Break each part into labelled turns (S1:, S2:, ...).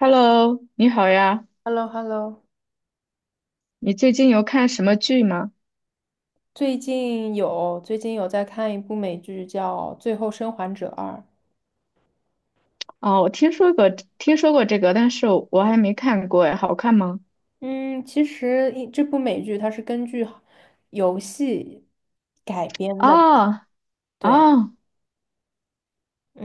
S1: Hello，你好呀，
S2: h e l l o hello。
S1: 你最近有看什么剧吗？
S2: 最近有在看一部美剧叫《最后生还者二》。
S1: 哦，我听说过这个，但是我还没看过哎，好看吗？
S2: 嗯，其实这部美剧它是根据游戏改编的，
S1: 哦
S2: 对。
S1: 哦，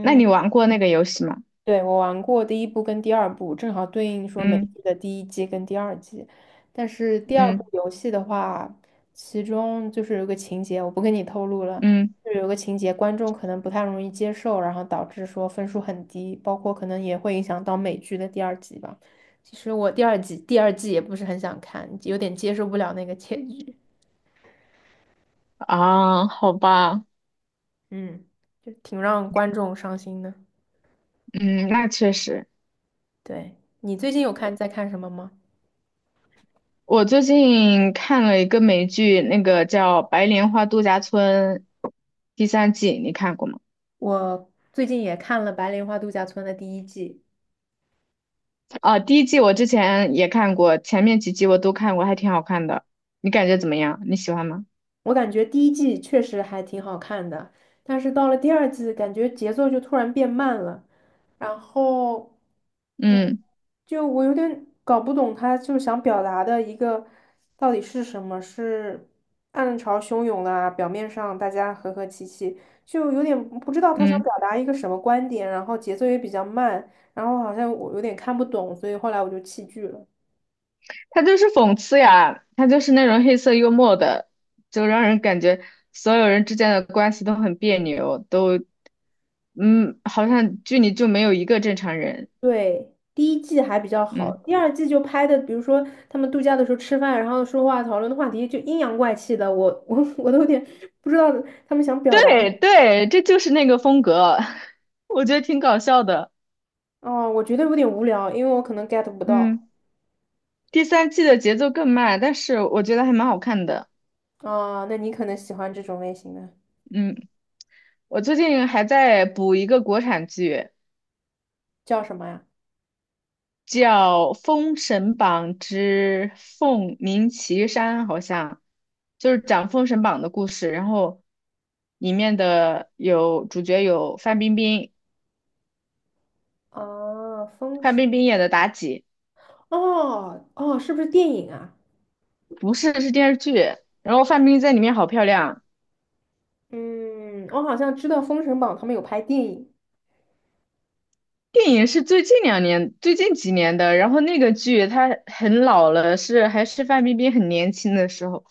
S1: 那你玩过那个游戏吗？
S2: 对，我玩过第一部跟第二部，正好对应说美
S1: 嗯
S2: 剧的第一季跟第二季。但是第二部
S1: 嗯
S2: 游戏的话，其中就是有个情节，我不跟你透露了，
S1: 嗯，
S2: 就是有个情节观众可能不太容易接受，然后导致说分数很低，包括可能也会影响到美剧的第二季吧。其实我第二季也不是很想看，有点接受不了那个结局，
S1: 啊，好吧，
S2: 嗯，就挺让观众伤心的。
S1: 嗯，那确实，
S2: 对，你最近有看什么吗？
S1: 我最近看了一个美剧，那个叫《白莲花度假村》第三季，你看过吗？
S2: 我最近也看了《白莲花度假村》的第一季，
S1: 啊，第一季我之前也看过，前面几集我都看过，还挺好看的。你感觉怎么样？你喜欢吗？
S2: 我感觉第一季确实还挺好看的，但是到了第二季，感觉节奏就突然变慢了，然后，嗯，
S1: 嗯。
S2: 就我有点搞不懂他就想表达的一个到底是什么，是暗潮汹涌啊？表面上大家和和气气，就有点不知道他想
S1: 嗯，
S2: 表达一个什么观点，然后节奏也比较慢，然后好像我有点看不懂，所以后来我就弃剧了。
S1: 他就是讽刺呀，他就是那种黑色幽默的，就让人感觉所有人之间的关系都很别扭，好像剧里就没有一个正常人。
S2: 对，第一季还比较好，
S1: 嗯，
S2: 第二季就拍的，比如说他们度假的时候吃饭，然后说话讨论的话题就阴阳怪气的，我 我都有点不知道他们想表达。
S1: 对对，这就是那个风格，我觉得挺搞笑的。
S2: 哦，我觉得有点无聊，因为我可能 get 不到。
S1: 嗯，第三季的节奏更慢，但是我觉得还蛮好看的。
S2: 啊，那你可能喜欢这种类型的，
S1: 嗯，我最近还在补一个国产剧。
S2: 叫什么呀？
S1: 叫《封神榜之凤鸣岐山》，好像就是讲封神榜的故事。然后里面的有主角有范冰冰，
S2: 啊，封
S1: 范
S2: 神。
S1: 冰冰演的妲己，
S2: 哦哦，是不是电影啊？
S1: 不是，是电视剧。然后范冰冰在里面好漂亮。
S2: 嗯，我好像知道《封神榜》他们有拍电影。
S1: 电影是最近2年、最近几年的，然后那个剧它很老了，是还是范冰冰很年轻的时候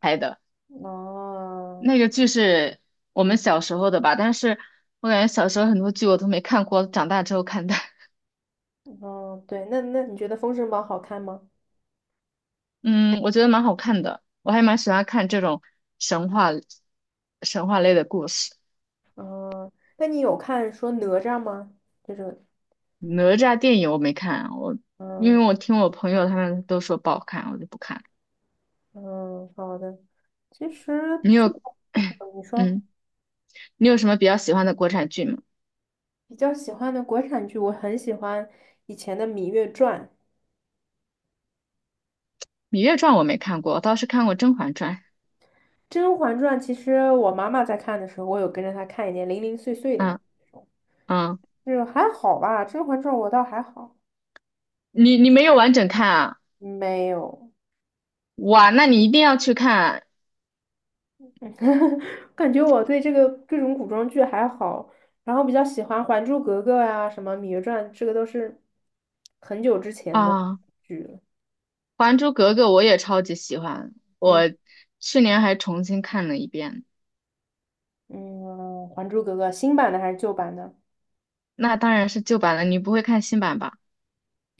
S1: 拍的。
S2: 哦，
S1: 那个剧是我们小时候的吧，但是我感觉小时候很多剧我都没看过，长大之后看的。
S2: 哦，对，那你觉得《封神榜》好看吗？
S1: 嗯，我觉得蛮好看的，我还蛮喜欢看这种神话、神话类的故事。
S2: 嗯，那你有看说哪吒吗？这种，
S1: 哪吒电影我没看，我因
S2: 嗯
S1: 为我听我朋友他们都说不好看，我就不看了。
S2: 嗯，好的。其实
S1: 你
S2: 剧
S1: 有，
S2: 嗯你 说
S1: 嗯，你有什么比较喜欢的国产剧吗？
S2: 比较喜欢的国产剧，我很喜欢以前的《芈月传》
S1: 《芈月传》我没看过，我倒是看过《甄嬛传》。
S2: 《甄嬛传》。其实我妈妈在看的时候，我有跟着她看一点零零碎碎的嘛，
S1: 嗯
S2: 这种
S1: 嗯，
S2: 就是还好吧，《甄嬛传》我倒还好，
S1: 你没有完整看啊？
S2: 没有。
S1: 哇，那你一定要去看
S2: 感觉我对这个各种古装剧还好，然后比较喜欢《还珠格格》呀、什么《芈月传》，这个都是很久之前的
S1: 啊！
S2: 剧了。
S1: 《还珠格格》我也超级喜欢，
S2: 嗯
S1: 我去年还重新看了一遍。
S2: 嗯，《还珠格格》新版的还是旧版的？
S1: 那当然是旧版了，你不会看新版吧？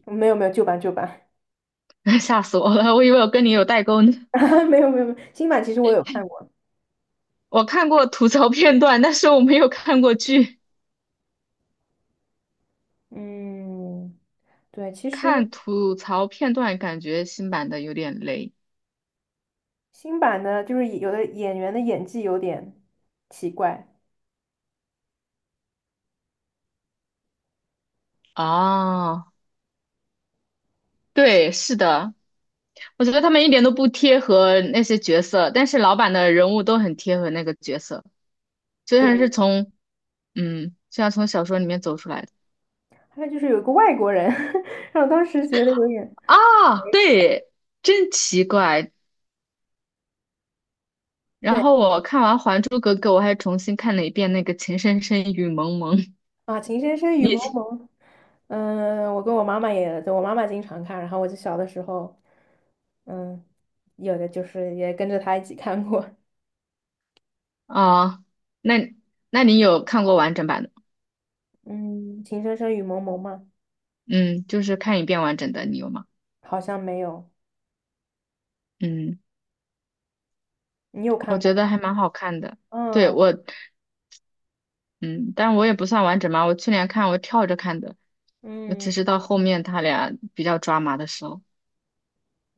S2: 没有没有，旧版旧版，
S1: 吓死我了，我以为我跟你有代沟呢。
S2: 没有没有没有，新版其实我有看过。
S1: 我看过吐槽片段，但是我没有看过剧。
S2: 嗯，对，其实
S1: 看吐槽片段，感觉新版的有点雷。
S2: 新版的就是有的演员的演技有点奇怪，
S1: 哦，对，是的，我觉得他们一点都不贴合那些角色，但是老版的人物都很贴合那个角色，就像是
S2: 对，
S1: 从，就像从小说里面走出来的。
S2: 还有就是有一个外国人，让我当时觉得有点。
S1: 啊，对，真奇怪。然
S2: 对。
S1: 后我看完《还珠格格》，我还重新看了一遍那个《情深深雨蒙蒙》。
S2: 啊，《情深深雨
S1: 你
S2: 蒙蒙》，嗯，我跟我妈妈也，就我妈妈经常看，然后我就小的时候，嗯，有的就是也跟着她一起看过，
S1: 啊，那那你有看过完整版的吗？
S2: 嗯，《情深深雨蒙蒙》吗？
S1: 嗯，就是看一遍完整的，你有吗？
S2: 好像没有，
S1: 嗯，
S2: 你有看
S1: 我
S2: 过
S1: 觉
S2: 吗？
S1: 得还蛮好看的。对，
S2: 嗯
S1: 但我也不算完整嘛，我去年看我跳着看的，我
S2: 嗯
S1: 只是到后面他俩比较抓马的时候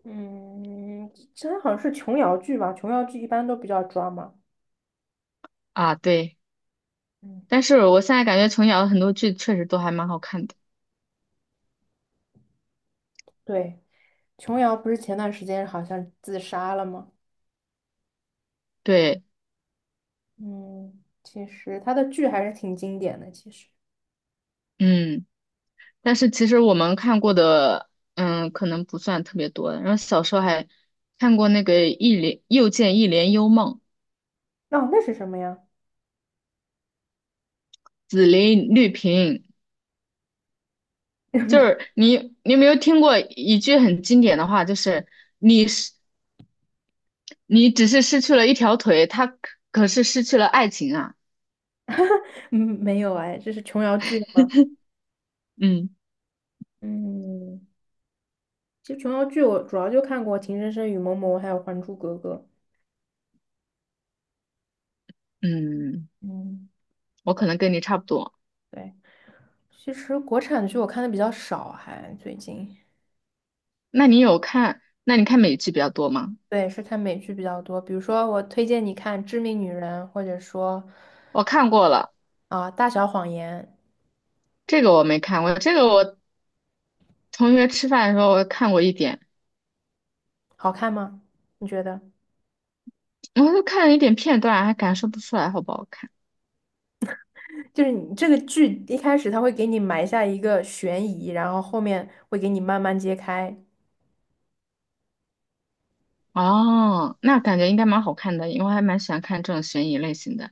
S2: 嗯，这好像是琼瑶剧吧？琼瑶剧一般都比较抓嘛。
S1: 啊，对。
S2: 嗯，
S1: 但是我现在感觉琼瑶的很多剧确实都还蛮好看的。
S2: 对，琼瑶不是前段时间好像自杀了吗？
S1: 对，
S2: 嗯，其实她的剧还是挺经典的，其实。
S1: 嗯。但是其实我们看过的，可能不算特别多。然后小时候还看过那个一帘又见一帘幽梦，
S2: 哦，那是什么呀？
S1: 紫菱绿萍，就是你有没有听过一句很经典的话，就是你是你只是失去了一条腿，他可是失去了爱情啊。
S2: 嗯，没有哎，这是琼瑶剧的吗？
S1: 嗯
S2: 嗯，其实琼瑶剧我主要就看过《情深深雨蒙蒙》还有《还珠格格》。
S1: 嗯，
S2: 嗯，
S1: 我可能跟你差不多。
S2: 对，其实国产剧我看的比较少，还最近，
S1: 那你看美剧比较多吗？
S2: 对，是看美剧比较多。比如说，我推荐你看《致命女人》，或者说
S1: 我看过了，
S2: 啊、大小谎言》，
S1: 这个我没看过，这个我同学吃饭的时候我看过一点。
S2: 好看吗？你觉得？
S1: 我就看了一点片段，还感受不出来好不好看。
S2: 就是你这个剧一开始它会给你埋下一个悬疑，然后后面会给你慢慢揭开，
S1: 哦，那感觉应该蛮好看的，因为我还蛮喜欢看这种悬疑类型的。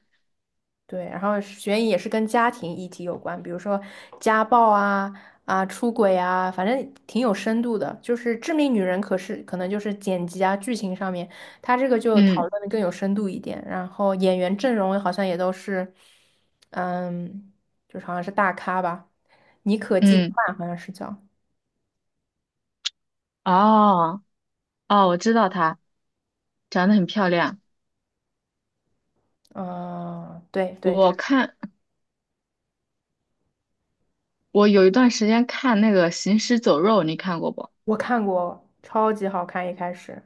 S2: 对，然后悬疑也是跟家庭议题有关，比如说家暴啊、啊出轨啊，反正挺有深度的。就是《致命女人》，可是可能就是剪辑啊、剧情上面，它这个就讨
S1: 嗯
S2: 论的更有深度一点。然后演员阵容好像也都是，嗯，就是好像是大咖吧，妮可基德
S1: 嗯，
S2: 曼好像是叫，
S1: 哦哦，我知道她长得很漂亮。
S2: 嗯、对对，
S1: 我
S2: 是
S1: 看我有一段时间看那个《行尸走肉》，你看过不？
S2: 我看过，超级好看，一开始。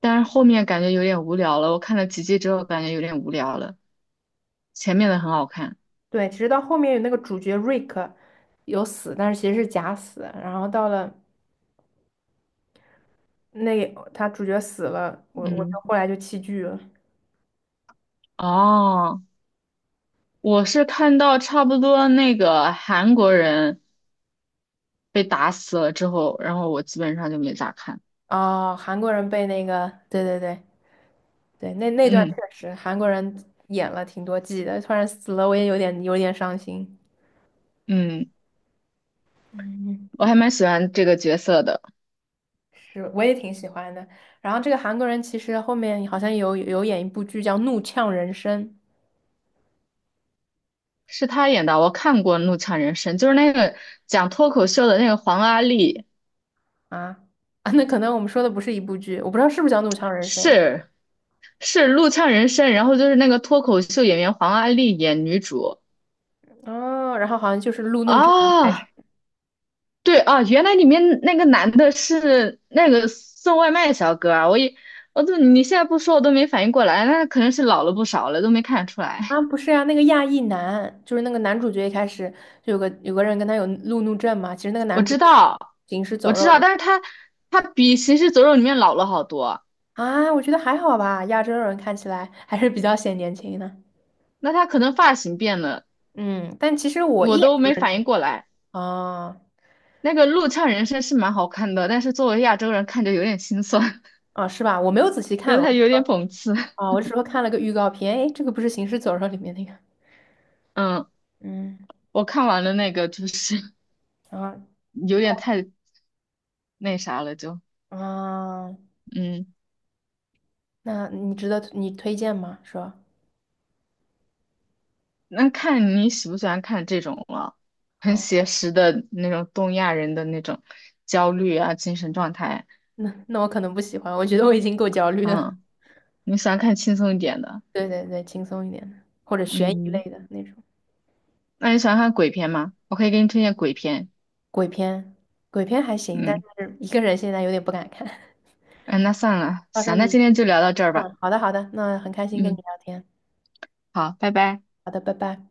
S1: 但是后面感觉有点无聊了，我看了几集之后感觉有点无聊了，前面的很好看。
S2: 对，其实到后面有那个主角瑞克有死，但是其实是假死。然后到了那他主角死了，我
S1: 嗯，
S2: 就后来就弃剧了。
S1: 哦，我是看到差不多那个韩国人被打死了之后，然后我基本上就没咋看。
S2: 哦，韩国人被那个，对对对对，那那段确
S1: 嗯
S2: 实韩国人演了挺多季的，突然死了，我也有点伤心。
S1: 嗯，
S2: 嗯，
S1: 我还蛮喜欢这个角色的，
S2: 是，我也挺喜欢的。然后这个韩国人其实后面好像有演一部剧叫《怒呛人生》
S1: 是他演的。我看过《怒呛人生》，就是那个讲脱口秀的那个黄阿丽，
S2: 啊，那可能我们说的不是一部剧，我不知道是不是叫《怒呛人生》。
S1: 是是《怒呛人生》，然后就是那个脱口秀演员黄阿丽演女主
S2: 哦，然后好像就是路怒症一开始
S1: 啊，对啊，原来里面那个男的是那个送外卖小哥啊，我也我都你现在不说我都没反应过来，那可能是老了不少了，都没看出来。
S2: 啊，不是呀，那个亚裔男，就是那个男主角一开始就有个人跟他有路怒症嘛，其实那个
S1: 我
S2: 男主
S1: 知
S2: 就是
S1: 道，
S2: 行尸
S1: 我
S2: 走
S1: 知
S2: 肉
S1: 道，但是他比《行尸走肉》里面老了好多。
S2: 啊，我觉得还好吧，亚洲人看起来还是比较显年轻的，
S1: 那他可能发型变了，
S2: 嗯，但其实我一
S1: 我
S2: 眼
S1: 都
S2: 就
S1: 没
S2: 认
S1: 反
S2: 出来
S1: 应过来。
S2: 哦
S1: 那个陆唱人生是蛮好看的，但是作为亚洲人看着有点心酸，
S2: 哦是吧？我没有仔细
S1: 觉
S2: 看，
S1: 得
S2: 我
S1: 他有点讽刺。
S2: 啊，我只是说看了个预告片，诶，这个不是行尸走肉里面那个，
S1: 嗯，
S2: 嗯，
S1: 我看完了那个就是
S2: 啊
S1: 有点太那啥了，
S2: 啊，哦
S1: 嗯，
S2: 那你值得你推荐吗？是吧？
S1: 那看你喜不喜欢看这种了，很
S2: 哦，
S1: 写实的那种东亚人的那种焦虑啊，精神状态。
S2: 那那我可能不喜欢，我觉得我已经够焦虑了。
S1: 嗯，你喜欢看轻松一点的，
S2: 对对对，轻松一点的，或者悬疑类
S1: 嗯，
S2: 的那种
S1: 那你喜欢看鬼片吗？我可以给你推荐鬼片，
S2: 鬼片，鬼片还行，但
S1: 嗯。
S2: 是一个人现在有点不敢看。
S1: 嗯，那算了，
S2: 到时候
S1: 行，那
S2: 你，
S1: 今天就聊到这儿吧。
S2: 嗯，好的好的，那很开心跟你
S1: 嗯，
S2: 聊天，
S1: 好，拜拜。
S2: 好的，拜拜。